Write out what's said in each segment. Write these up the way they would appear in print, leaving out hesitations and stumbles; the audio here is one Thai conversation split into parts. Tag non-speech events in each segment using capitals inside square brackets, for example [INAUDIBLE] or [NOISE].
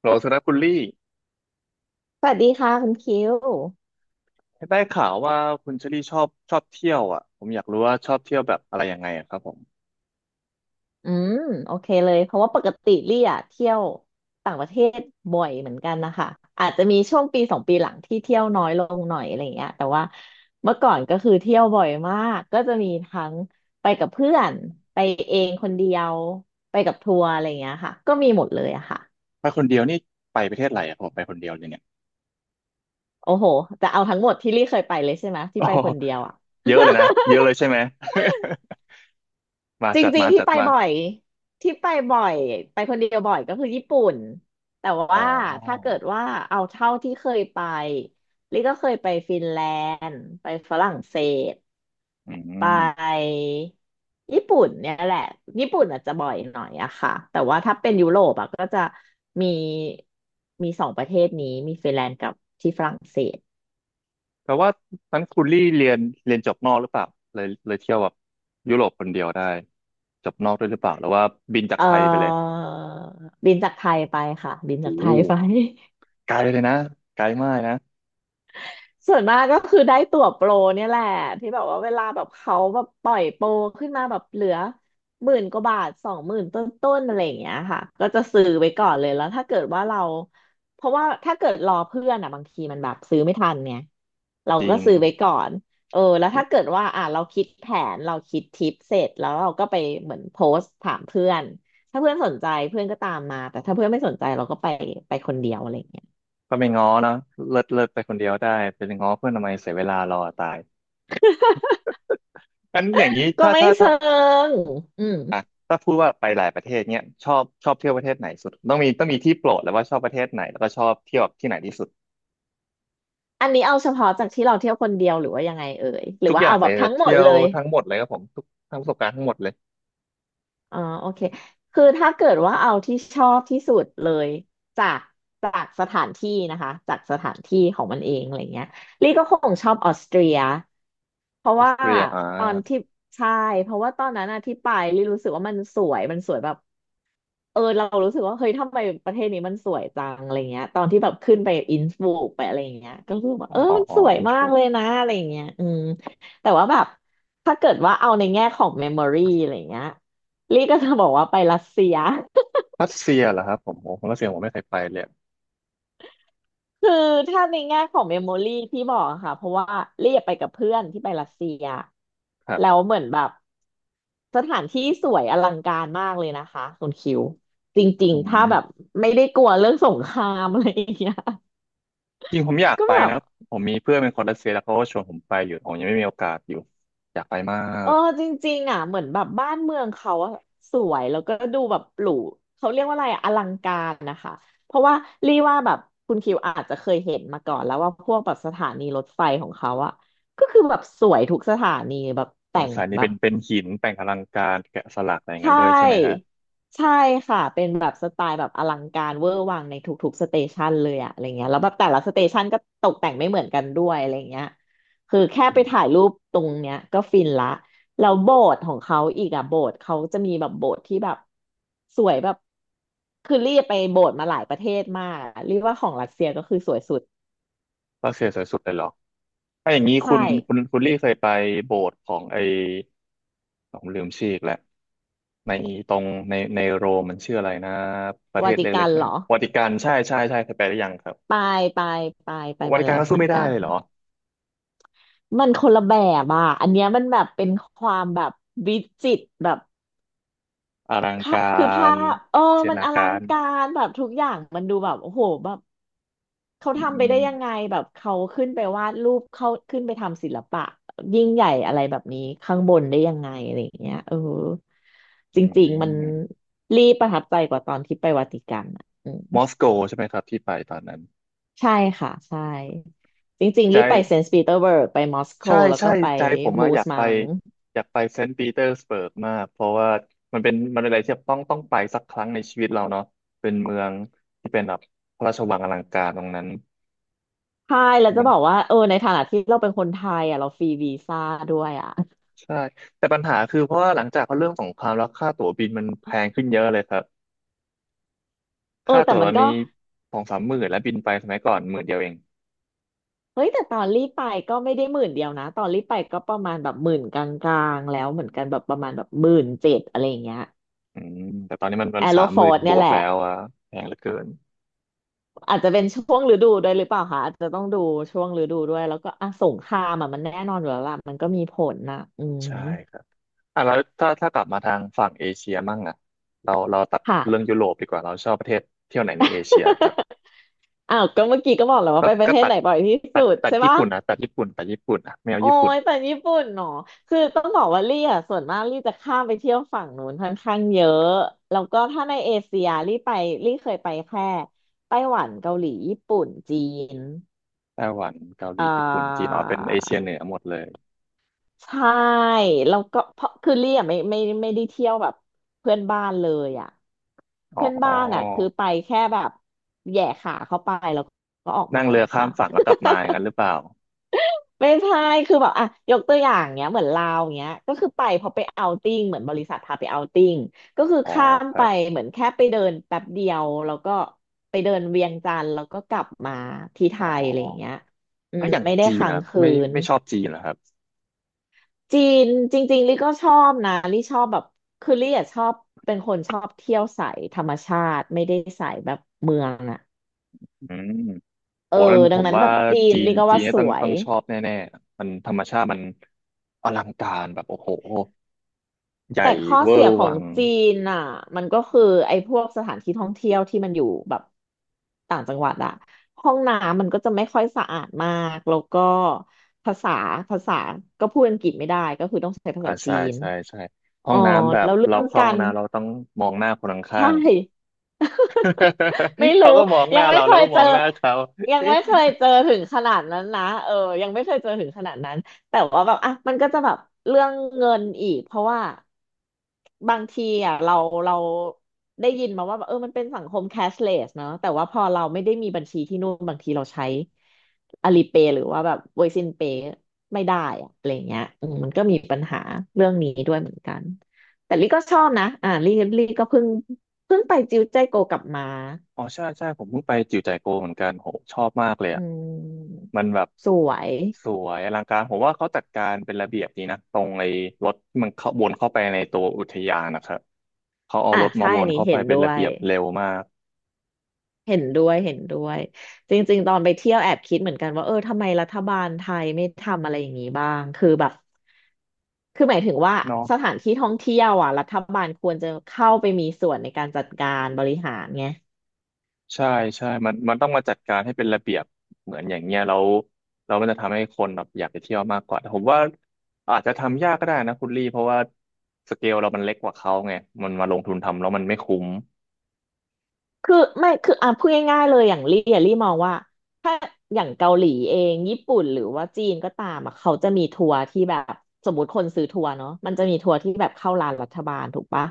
โหลสำหรับคุณลี่สวัสดีค่ะคุณคิวได้ข่าวว่าคุณเชอรี่ชอบเที่ยวอ่ะผมอยากรู้ว่าชอบเที่ยวแบบอะไรยังไงอะครับผมอืมโอเคเลยเพราะว่าปกติลี่อะเที่ยวต่างประเทศบ่อยเหมือนกันนะคะอาจจะมีช่วงปีสองปีหลังที่เที่ยวน้อยลงหน่อยอะไรเงี้ยแต่ว่าเมื่อก่อนก็คือเที่ยวบ่อยมากก็จะมีทั้งไปกับเพื่อนไปเองคนเดียวไปกับทัวร์อะไรเงี้ยค่ะก็มีหมดเลยอะค่ะไปคนเดียวนี่ไปประเทศอะไรอะผมไปคนเดียวเลยเนี่ย โอ้โหจะเอาทั้งหมดที่ลี่เคยไปเลยใช่ไหม [LAUGHS] ที่โอ้ไปโหคนเดียวอะ เยอะเลยนะเยอะเลยใช่ไหม [LAUGHS] มาจจัดริงมาๆที่จัดไปมาบ่อยที่ไปบ่อยไปคนเดียวบ่อยก็คือญี่ปุ่นแต่อ๋อว่าถ้าเกิดว่าเอาเท่าที่เคยไปลิก็เคยไปฟินแลนด์ไปฝรั่งเศสอืไมปญี่ปุ่นเนี่ยแหละญี่ปุ่นอาจจะบ่อยหน่อยอะค่ะแต่ว่าถ้าเป็นยุโรปอะก็จะมีมีสองประเทศนี้มีฟินแลนด์กับที่ฝรั่งเศสแต่ว่านั้นคุณลี่เรียนจบนอกหรือเปล่าเลยเที่ยวแบบยุโรปคนเดียวได้จบนอกด้วยหรือเปล่าหรือว่าบินจากเอ่อไทยไปเลยบินจากไทยไปค่ะบินจากโอ้ไทโหยไป ไกลเลยนะไกลมากนะส่วนมากก็คือได้ตั๋วโปรเนี่ยแหละที่แบบว่าเวลาแบบเขาแบบปล่อยโปรขึ้นมาแบบเหลือ10,000 กว่าบาท20,000 ต้นๆอะไรอย่างเงี้ยค่ะก็จะซื้อไว้ก่อนเลยแล้วถ้าเกิดว่าเราเพราะว่าถ้าเกิดรอเพื่อนอ่ะบางทีมันแบบซื้อไม่ทันเนี่ยเราจริก็ง ซื้อไว้ก่อนเออแล้วถ้าเกิดว่าอ่ะเราคิดแผนเราคิดทิปเสร็จแล้วเราก็ไปเหมือนโพสต์ถามเพื่อนถ้าเพื่อนสนใจเพื่อนก็ตามมาแต่ถ้าเพื่อนไม่สนใจเราก็ไปไปคนเดียวอะไรอย่างเงี้ยก็ไปง้อเนอะเลิศเลิศไปคนเดียวได้ไปง้อเพื่อนทำไมเสียเวลารอตายอันอย่างนี้ก็ถ้าไม่ถ้าถ้าเชิงอืม อ่ะถ้าพูดว่าไปหลายประเทศเนี้ยชอบเที่ยวประเทศไหนสุดต้องมีที่โปรดแล้วว่าชอบประเทศไหนแล้วก็ชอบเที่ยวที่ไหนที่สุดอันนี้เอาเฉพาะจากที่เราเที่ยวคนเดียวหรือว่ายังไงเอ่ยหรืทุอกว่าอย่าเอางแบเลยบจะทั้งหมเที่ดยเลวยทั้งหมดเลยครับผมทุกทั้งประสบการณ์ทั้งหมดเลยอ๋อโอเคคือถ้าเกิดว่าเอาที่ชอบที่สุดเลยจากจากสถานที่นะคะจากสถานที่ของมันเองอะไรเงี้ยลี่ก็คงชอบออสเตรียเพราะออสว่าเตรียอ่าตอนที่ใช่เพราะว่าตอนนั้นอะที่ไปลี่รู้สึกว่ามันสวยมันสวยแบบ เออเรารู้สึกว่าเฮ้ยทำไมประเทศนี้มันสวยจังอะไรเงี้ยตอนที่แบบขึ้นไปอินสบกไปอะไรเงี้ยก็รู้สึกว่าอ๋อเออมันอ๋อสวยอินสมาบกรุกเลยนะอะไรเงี้ยแต่ว่าแบบถ้าเกิดว่าเอาในแง่ของเมมโมรีอะไรเงี้ยลี่ก็จะบอกว่าไปรัสเซีย รัสเซียเหรอครับผมโอ้ผรัสเซียผมไม่เคยไปเลย [LAUGHS] คือถ้าในแง่ของเมมโมรี่ที่บอกอะค่ะเพราะว่าลี่ไปกับเพื่อนที่ไปรัสเซียครัแล้บวเหมือนแบบสถานที่สวยอลังการมากเลยนะคะคุณคิวจริงอืๆถ้าแบบมไม่ได้กลัวเรื่องสงครามอะไรอย่างเงี้ย จริงผมอยากก็ไปแบบนะผมมีเพื่อนเป็นคนรัสเซียแล้วเขาก็ชวนผมไปอยู่ผมยังไม่มีโอกาสอยู่อยากไปมาเอก อจริงๆอ่ะเหมือนแบบบ้านเมืองเขาอะสวยแล้วก็ดูแบบหรูเขาเรียกว่าอะไรอะอลังการนะคะเพราะว่ารีว่าแบบคุณคิวอาจจะเคยเห็นมาก่อนแล้วว่าพวกแบบสถานีรถไฟของเขาอะก็คือแบบสวยทุกสถานีแบบเออแต่งสายนี้แบเป็บ นเป็นหินแต่งอลังการแกะสลักอะไรอย่างใชนั้นด้วยใช่ไหมฮะ่ใช่ค่ะเป็นแบบสไตล์แบบอลังการเวอร์วังในทุกๆสเตชันเลยอะอะไรเงี้ยแล้วแบบแต่ละสเตชันก็ตกแต่งไม่เหมือนกันด้วยอะไรเงี้ยคือแค่ไปอืถ่ายมรูปตรงเนี้ยก็ฟินละแล้วโบสถ์ของเขาอีกอะโบสถ์เขาจะมีแบบโบสถ์ที่แบบสวยแบบคือรีบไปโบสถ์มาหลายประเทศมากอะเรียกว่าของรัสเซียก็คือสวยสุดรัสเซียสวยสุดเลยเหรอถ้าอย่างนี้คุใช่ณคุณคุณลี่เคยไปโบสถ์ของไอ้ผมลืมชื่ออีกแล้วในตรงในโรมมันชื่ออะไรนะประเทวาศติเล็กักนๆเหเนี่รยอวาติกันใช่เคยไปหรือยังครับไปไปไปไปวามาติกัแล้นวก็เหสู้มือนไม่ได้กัน เลยเหรอมันคนละแบบอ่ะอันเนี้ยมันแบบเป็นความแบบวิจิตรแบบอลังค่ะกาคือภารพเออเสียมันนาอกาลังรการแบบทุกอย่างมันดูแบบโอ้โหแบบเขาอืทำไปได้ยังไงมแบบเขาขึ้นไปวาดรูปเขาขึ้นไปทำศิลปะยิ่งใหญ่อะไรแบบนี้ข้างบนได้ยังไงอะไรอย่างเงี้ยเอออืจริงๆมันมรีประทับใจกว่าตอนที่ไปวาติกันอ่ะอืมมอสโกใช่ไหมครับที่ไปตอนนั้นใช่ค่ะใช่จริงๆรีบไปใจ เซนต์ปีเตอร์เบิร์กไปมอสโกใช่แล้วใช่ก็ไปใจผมอะมูอสยากไปมัง อยากไปเซนต์ปีเตอร์สเบิร์กมากเพราะว่ามันเป็นอะไรที่ต้องไปสักครั้งในชีวิตเราเนาะเป็นเมืองที่เป็นแบบพระราชวังอลังการตรงนั้นใช่แล้วจะมันบอกว่าเออในฐานะที่เราเป็นคนไทยอ่ะเราฟรีวีซ่าด้วยอ่ะใช่แต่ปัญหาคือเพราะว่าหลังจากเขาเรื่องสงครามแล้วค่าตั๋วบินมันแพงขึ้นเยอะเลยครับเออค่าแต่ตั๋วตมัอนนก็นี้สองสามหมื่นแล้วบินไปสมัยก่อนหมื่นเดียวเองเฮ้ยแต่ตอนรีบไปก็ไม่ได้หมื่นเดียวนะตอนรีบไปก็ประมาณแบบหมื่นกลางๆแล้วเหมือนกันแบบประมาณแบบ17,000อะไรอย่างเงี้ยอืมแต่ตอนนี้มันมัแอนโรสามฟหอมื่นร์ดบเนี่ยวกแหละแล้วอะแพงเหลือเกินอาจจะเป็นช่วงฤดูด้วยหรือเปล่าคะอาจจะต้องดูช่วงฤดูด้วยแล้วก็อ่ะสงครามอ่ะมันแน่นอนอยู่แล้วล่ะมันก็มีผลนะอืมใช่ครับ อ่ะแล้วถ้ากลับมาทางฝั่งเอเชียมั่งอ่ะเราตัดค่ะ เรื่องยุโรปดีกว่าเราชอบประเทศเที่ยวไหนในเอเชียครับ [LAUGHS] อ้าวก็เมื่อกี้ก็บอกแล้วว่าก็ไปประก็เทศตัไหดนบ่อยที่ตัสุดดตัดใช่ญี่ปะ ปุ่นนะตัดญี่ปุ่นอ่ะไม่เอาโอ้ญี่ปุ่นยแต่ญี่ปุ่นเนาะคือต้องบอกว่าลี่อ่ะส่วนมากลี่จะข้ามไปเที่ยวฝั่งนู้นค่อนข้างเยอะแล้วก็ถ้าในเอเชียลี่ไปลี่เคยไปแค่ไต้หวันเกาหลีญี่ปุ่นจีนไต้หวันเกาหเอ่ลีญี่ปุ่นจีนออ๋อเป็นเอเชียเหนือหมดเลยใช่แล้วก็เพราะคือลี่อ่ะไม่ได้เที่ยวแบบเพื่อนบ้านเลยอ่ะอ๋อเพื่อนบ้านอ่ะคือไปแค่แบบแหย่ขาเข้าไปแล้วก็ออกนั่มางเรือข้าค่ะ มฝั่งแล้วกลับมาอย่างนั้นหรือเปล่าไม่ใช่คือแบบอ่ะยกตัวอย่างเงี้ยเหมือนลาวเงี้ยก็คือไปพอไปเอาท์ติ้งเหมือนบริษัทพาไปเอาท์ติ้งก็คืออ๋อข้ามครัไปบเหมือนแค่ไปเดินแป๊บเดียวแล้วก็ไปเดินเวียงจันทร์แล้วก็กลับมาที่ไทอ๋อยอะไรอย่างเงี้ยถ้าอย่างไม่ได้จีนค้านะงคืไม่นไม่ชอบจีนเหรอครับจีนจริงๆลี่ก็ชอบนะลี่ชอบแบบคือลี่อะชอบเป็นคนชอบเที่ยวสายธรรมชาติไม่ได้สายแบบเมืองอะอืมเอโหอนั้นผดังมนั้นว่าแบบจีนจีนลี่ก็จีว่านเนี่ยสต้องวต้ย องชอบแน่ๆมันธรรมชาติมันอลังการแบบโอ้โห ใหแต่ญ่ข้อเวอเสียร์ขอวังงจีนอ่ะมันก็คือไอ้พวกสถานที่ท่องเที่ยวที่มันอยู่แบบต่างจังหวัดอ่ะห้องน้ำมันก็จะไม่ค่อยสะอาดมากแล้วก็ภาษาภาษาก็พูดอังกฤษไม่ได้ก็คือต้องใช้ภาอ่าษาจีใช่นใช่ใช่ห้อ๋อองน้ำแบบแล้วเรื่เราองเข้ากาห้องร น้ำเราต้องมองหน้าคนข้าใช่ งๆ [LAUGHS] ไม่ [LAUGHS] รู้เขาก็มองหยัน้างไม่เราเคแล้วยก็มเจอองหน้าเขายังเอ๊ะไม่เคยเจอถึงขนาดนั้นนะเออยังไม่เคยเจอถึงขนาดนั้นแต่ว่าแบบอ่ะมันก็จะแบบเรื่องเงินอีกเพราะว่าบางทีอ่ะเราได้ยินมาว่าแบบเออมันเป็นสังคมแคชเลสเนาะแต่ว่าพอเราไม่ได้มีบัญชีที่นู่นบางทีเราใช้อ l ลีเป y หรือว่าแบบเวซินเป y ไม่ได้อะอะไรเงี้ยอืมมันก็มีปัญหาเรื่องนี้ด้วยเหมือนกันแต่ลี่ก็ชอบนะอ่าลี่ลี่ก็เพิ่งไปจิวใจโกกลับมา อ๋อใช่ผมเพิ่งไปจิ๋วจ่ายโกวเหมือนกันโหชอบมากเลยอือ่ะมมันแบบสวยสวยอลังการผมว่าเขาจัดการเป็นระเบียบดีนะตรงไอ้รถที่มันเข้าวนเข้าไปในตัวอุทยานนะครับเขาเอาอ่ะรถมาใช่วอันนนี้เข้าไปเห็นเป็ด้นวระเบียยบเร็วมากเห็นด้วยเห็นด้วยจริงๆตอนไปเที่ยวแอบคิดเหมือนกันว่าเออทำไมรัฐบาลไทยไม่ทำอะไรอย่างนี้บ้างคือแบบคือหมายถึงว่าเนาะ สถานที่ท่องเที่ยวอ่ะรัฐบาลควรจะเข้าไปมีส่วนในการจัดการบริหารไง ใช่ใช่มันต้องมาจัดการให้เป็นระเบียบเหมือนอย่างเงี้ยแล้วมันจะทำให้คนแบบอยากไปเที่ยวมากกว่าแต่ผมว่าอาจจะทำยากก็ได้นะคุณลี่เพราะว่าสเกลเรามันเล็กกว่าเขาไงมันมาลงทุนทำแล้วมันไม่คุ้มคือไม่คืออ่ะพูดง่ายๆเลยอย่างลี่อะลี่มองว่าถ้าอย่างเกาหลีเองญี่ปุ่นหรือว่าจีนก็ตามอ่ะเขาจะมีทัวร์ที่แบบสมมติคนซื้อทัวร์เนาะมันจะมีทัวร์ที่แบบเข้าร้านรัฐบาลถูกปะ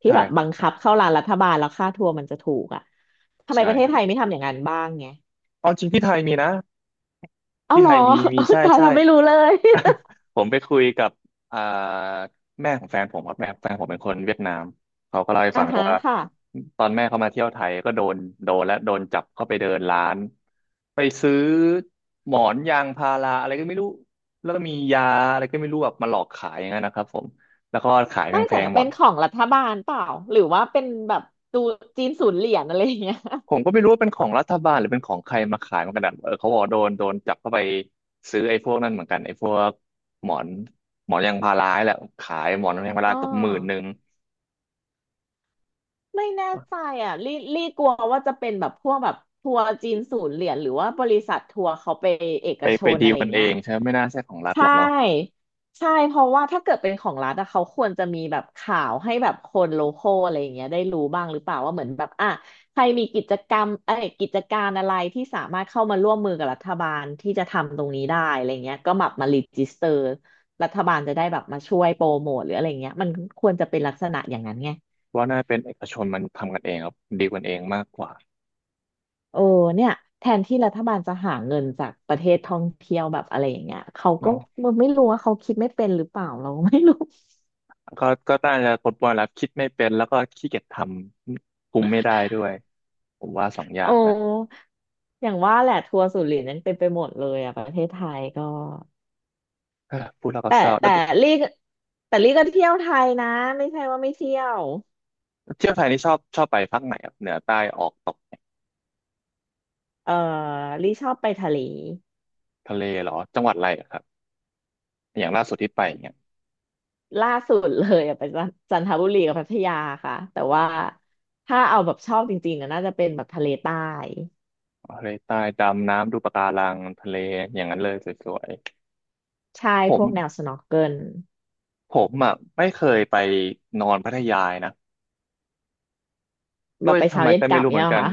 ที่ใช่แบบครับับงคับใช่เข้าร้านรัฐบาลแล้วค่าทัวร์มันจะถูกอ่ะทำไมใช่ประเทคศรัไทยบไม่ทำอย่างนั้นบ้างไงเอาจริงที่ไทยมีนะเอ้าที่เหรไทอ ยมีมีใช่ [LAUGHS] ตายใช่ เราไม่รู้เลย [LAUGHS] [LAUGHS] ผมไปคุยกับอ่าแม่ของแฟนผมครับแม่แฟนผมเป็นคนเวียดนามเขาก็เล่าให้อ่าฟังฮะว่าค่ะตอนแม่เขามาเที่ยวไทยก็โดนโดนและโดนจับเข้าไปเดินร้านไปซื้อหมอนยางพาราอะไรก็ไม่รู้แล้วก็มียาอะไรก็ไม่รู้แบบมาหลอกขายอย่างนั้นนะครับผมแล้วก็ขายไม่แพแต่งๆหมเป็ด นของรัฐบาลเปล่าหรือว่าเป็นแบบดูจีนศูนย์เหรียญอะไรอย่างเงี้ย [LAUGHS] ผมก็ไม่รู้ว่าเป็นของรัฐบาลหรือเป็นของใครมาขายเหมือนกันนะเออเขาบอกว่าโดนจับเข้าไปซื้อไอ้พวกนั่นเหมือนกันไอ้พวกหมอนหมอนยางพาราให้แหละขายหมอนยางพาอ๋ราอ เกือบหมื่นหนึ่งไม่แน่ใจอ่ะลี่กลัวว่าจะเป็นแบบพวกแบบทัวร์จีนศูนย์เหรียญหรือว่าบริษัททัวร์เขาไปเอกไปชนดีอะลไรกันเอเงี้ยงใช่ไหมไม่น่าใช่ของรัฐใชหรอกเนาะ่ใช่เพราะว่าถ้าเกิดเป็นของรัฐอะเขาควรจะมีแบบข่าวให้แบบคนโลคอลอะไรอย่างเงี้ยได้รู้บ้างหรือเปล่าว่าเหมือนแบบอ่ะใครมีกิจกรรมเอ้ยกิจการอะไรที่สามารถเข้ามาร่วมมือกับรัฐบาลที่จะทำตรงนี้ได้อะไรเงี้ยก็แบบมารีจิสเตอร์รัฐบาลจะได้แบบมาช่วยโปรโมทหรืออะไรเงี้ยมันควรจะเป็นลักษณะอย่างนั้นไง เพราะว่าน่าเป็นเอกชนมันทำกันเองครับดีลกันเองมากกว่าเออเนี่ยแทนที่รัฐบาลจะหาเงินจากประเทศท่องเที่ยวแบบอะไรอย่างเงี้ยเขาก็เนาะมไม่รู้ว่าเขาคิดไม่เป็นหรือเปล่าเราก็ไม่รู้ ก็น่าจะปนแล้วคิดไม่เป็นแล้วก็ขี้เกียจทำคุมไม่ได้ด้วยผมว่าสอง [LAUGHS] อย่าโอ้งนะอย่างว่าแหละทัวร์สุรินทร์นั้นเป็นไปหมดเลยอ่ะประเทศไทยก็เออพูดแล้วก็แต่เศร้าแล้แต่วลี่ก็แต่ลี่ก็เที่ยวไทยนะไม่ใช่ว่าไม่เที่ยวเที่ยวไทยนี่ชอบไปภาคไหนครับเหนือใต้ออกตกเนี่ยเออลี่ชอบไปทะเลทะเลเหรอจังหวัดอะไรอะครับ อย่างล่าสุดที่ไปเนี่ยล่าสุดเลยอะไปจันจันทบุรีกับพัทยาค่ะแต่ว่าถ้าเอาแบบชอบจริงๆอะน่าจะเป็นแบบทะเลใต้ทะเลใต้ดำน้ำดูปะการังทะเลอย่างนั้นเลยสวยใช่ๆผพมวกแนวสน็อกเกิล ผมอ่ะไม่เคยไปนอนพัทยานะแบด้วบยไปทำเช้าไมเย็นก็กไม่ลับรู้เหเนี่มือยนเหรอกันคะ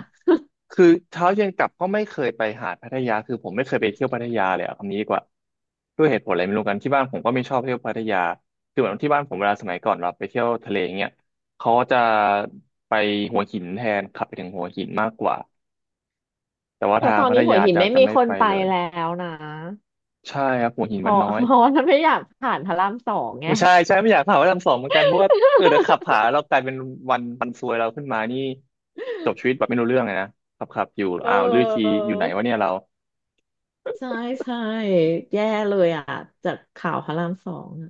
คือเช้าเย็นกลับก็ไม่เคยไปหาดพัทยาคือผมไม่เคยไปเที่ยวพัทยาเลยอะคำนี้ดีกว่าด้วยเหตุผลอะไรไม่รู้กันที่บ้านผมก็ไม่ชอบเที่ยวพัทยาคือเหมือนที่บ้านผมเวลาสมัยก่อนเราไปเที่ยวทะเลเงี้ยเขาจะไปหัวหินแทนขับไปถึงหัวหินมากกว่าแต่ว่าแต่ทาตงอนพัทนี้หัวยาหินจะไม่จะมีไม่คนไปไปเลยแล้วนะ ใช่ครับหัวหินเพมันราะน้อย เพราะว่าไม่อยากผ่านพระรามสองไงไม่ใช่ใช่ไม่อยากถามว่าทำสองเหมือนกันเพราะว่าเออเดี๋ยวขับผาเรากลายเป็นวันซวยเราขึ้นมานี่จบชีวิตแบบไม่รู้เรื่องเลยนะขับอยู่เอ้าวลือทีออ อยู่ไหนวะเนี่ยเราใช่ใช่แย่เลยอ่ะจากข่าวพระรามสองอะ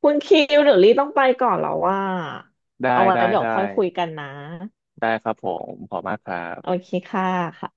คุณคิวเดี๋ยวลี่ต้องไปก่อนแล้วว่า ได้เอาไว้ได้เดี๋ยวได้ค่อยคุยกันนะ ได้ครับผมขอบมากครัโอบเคค่ะค่ะ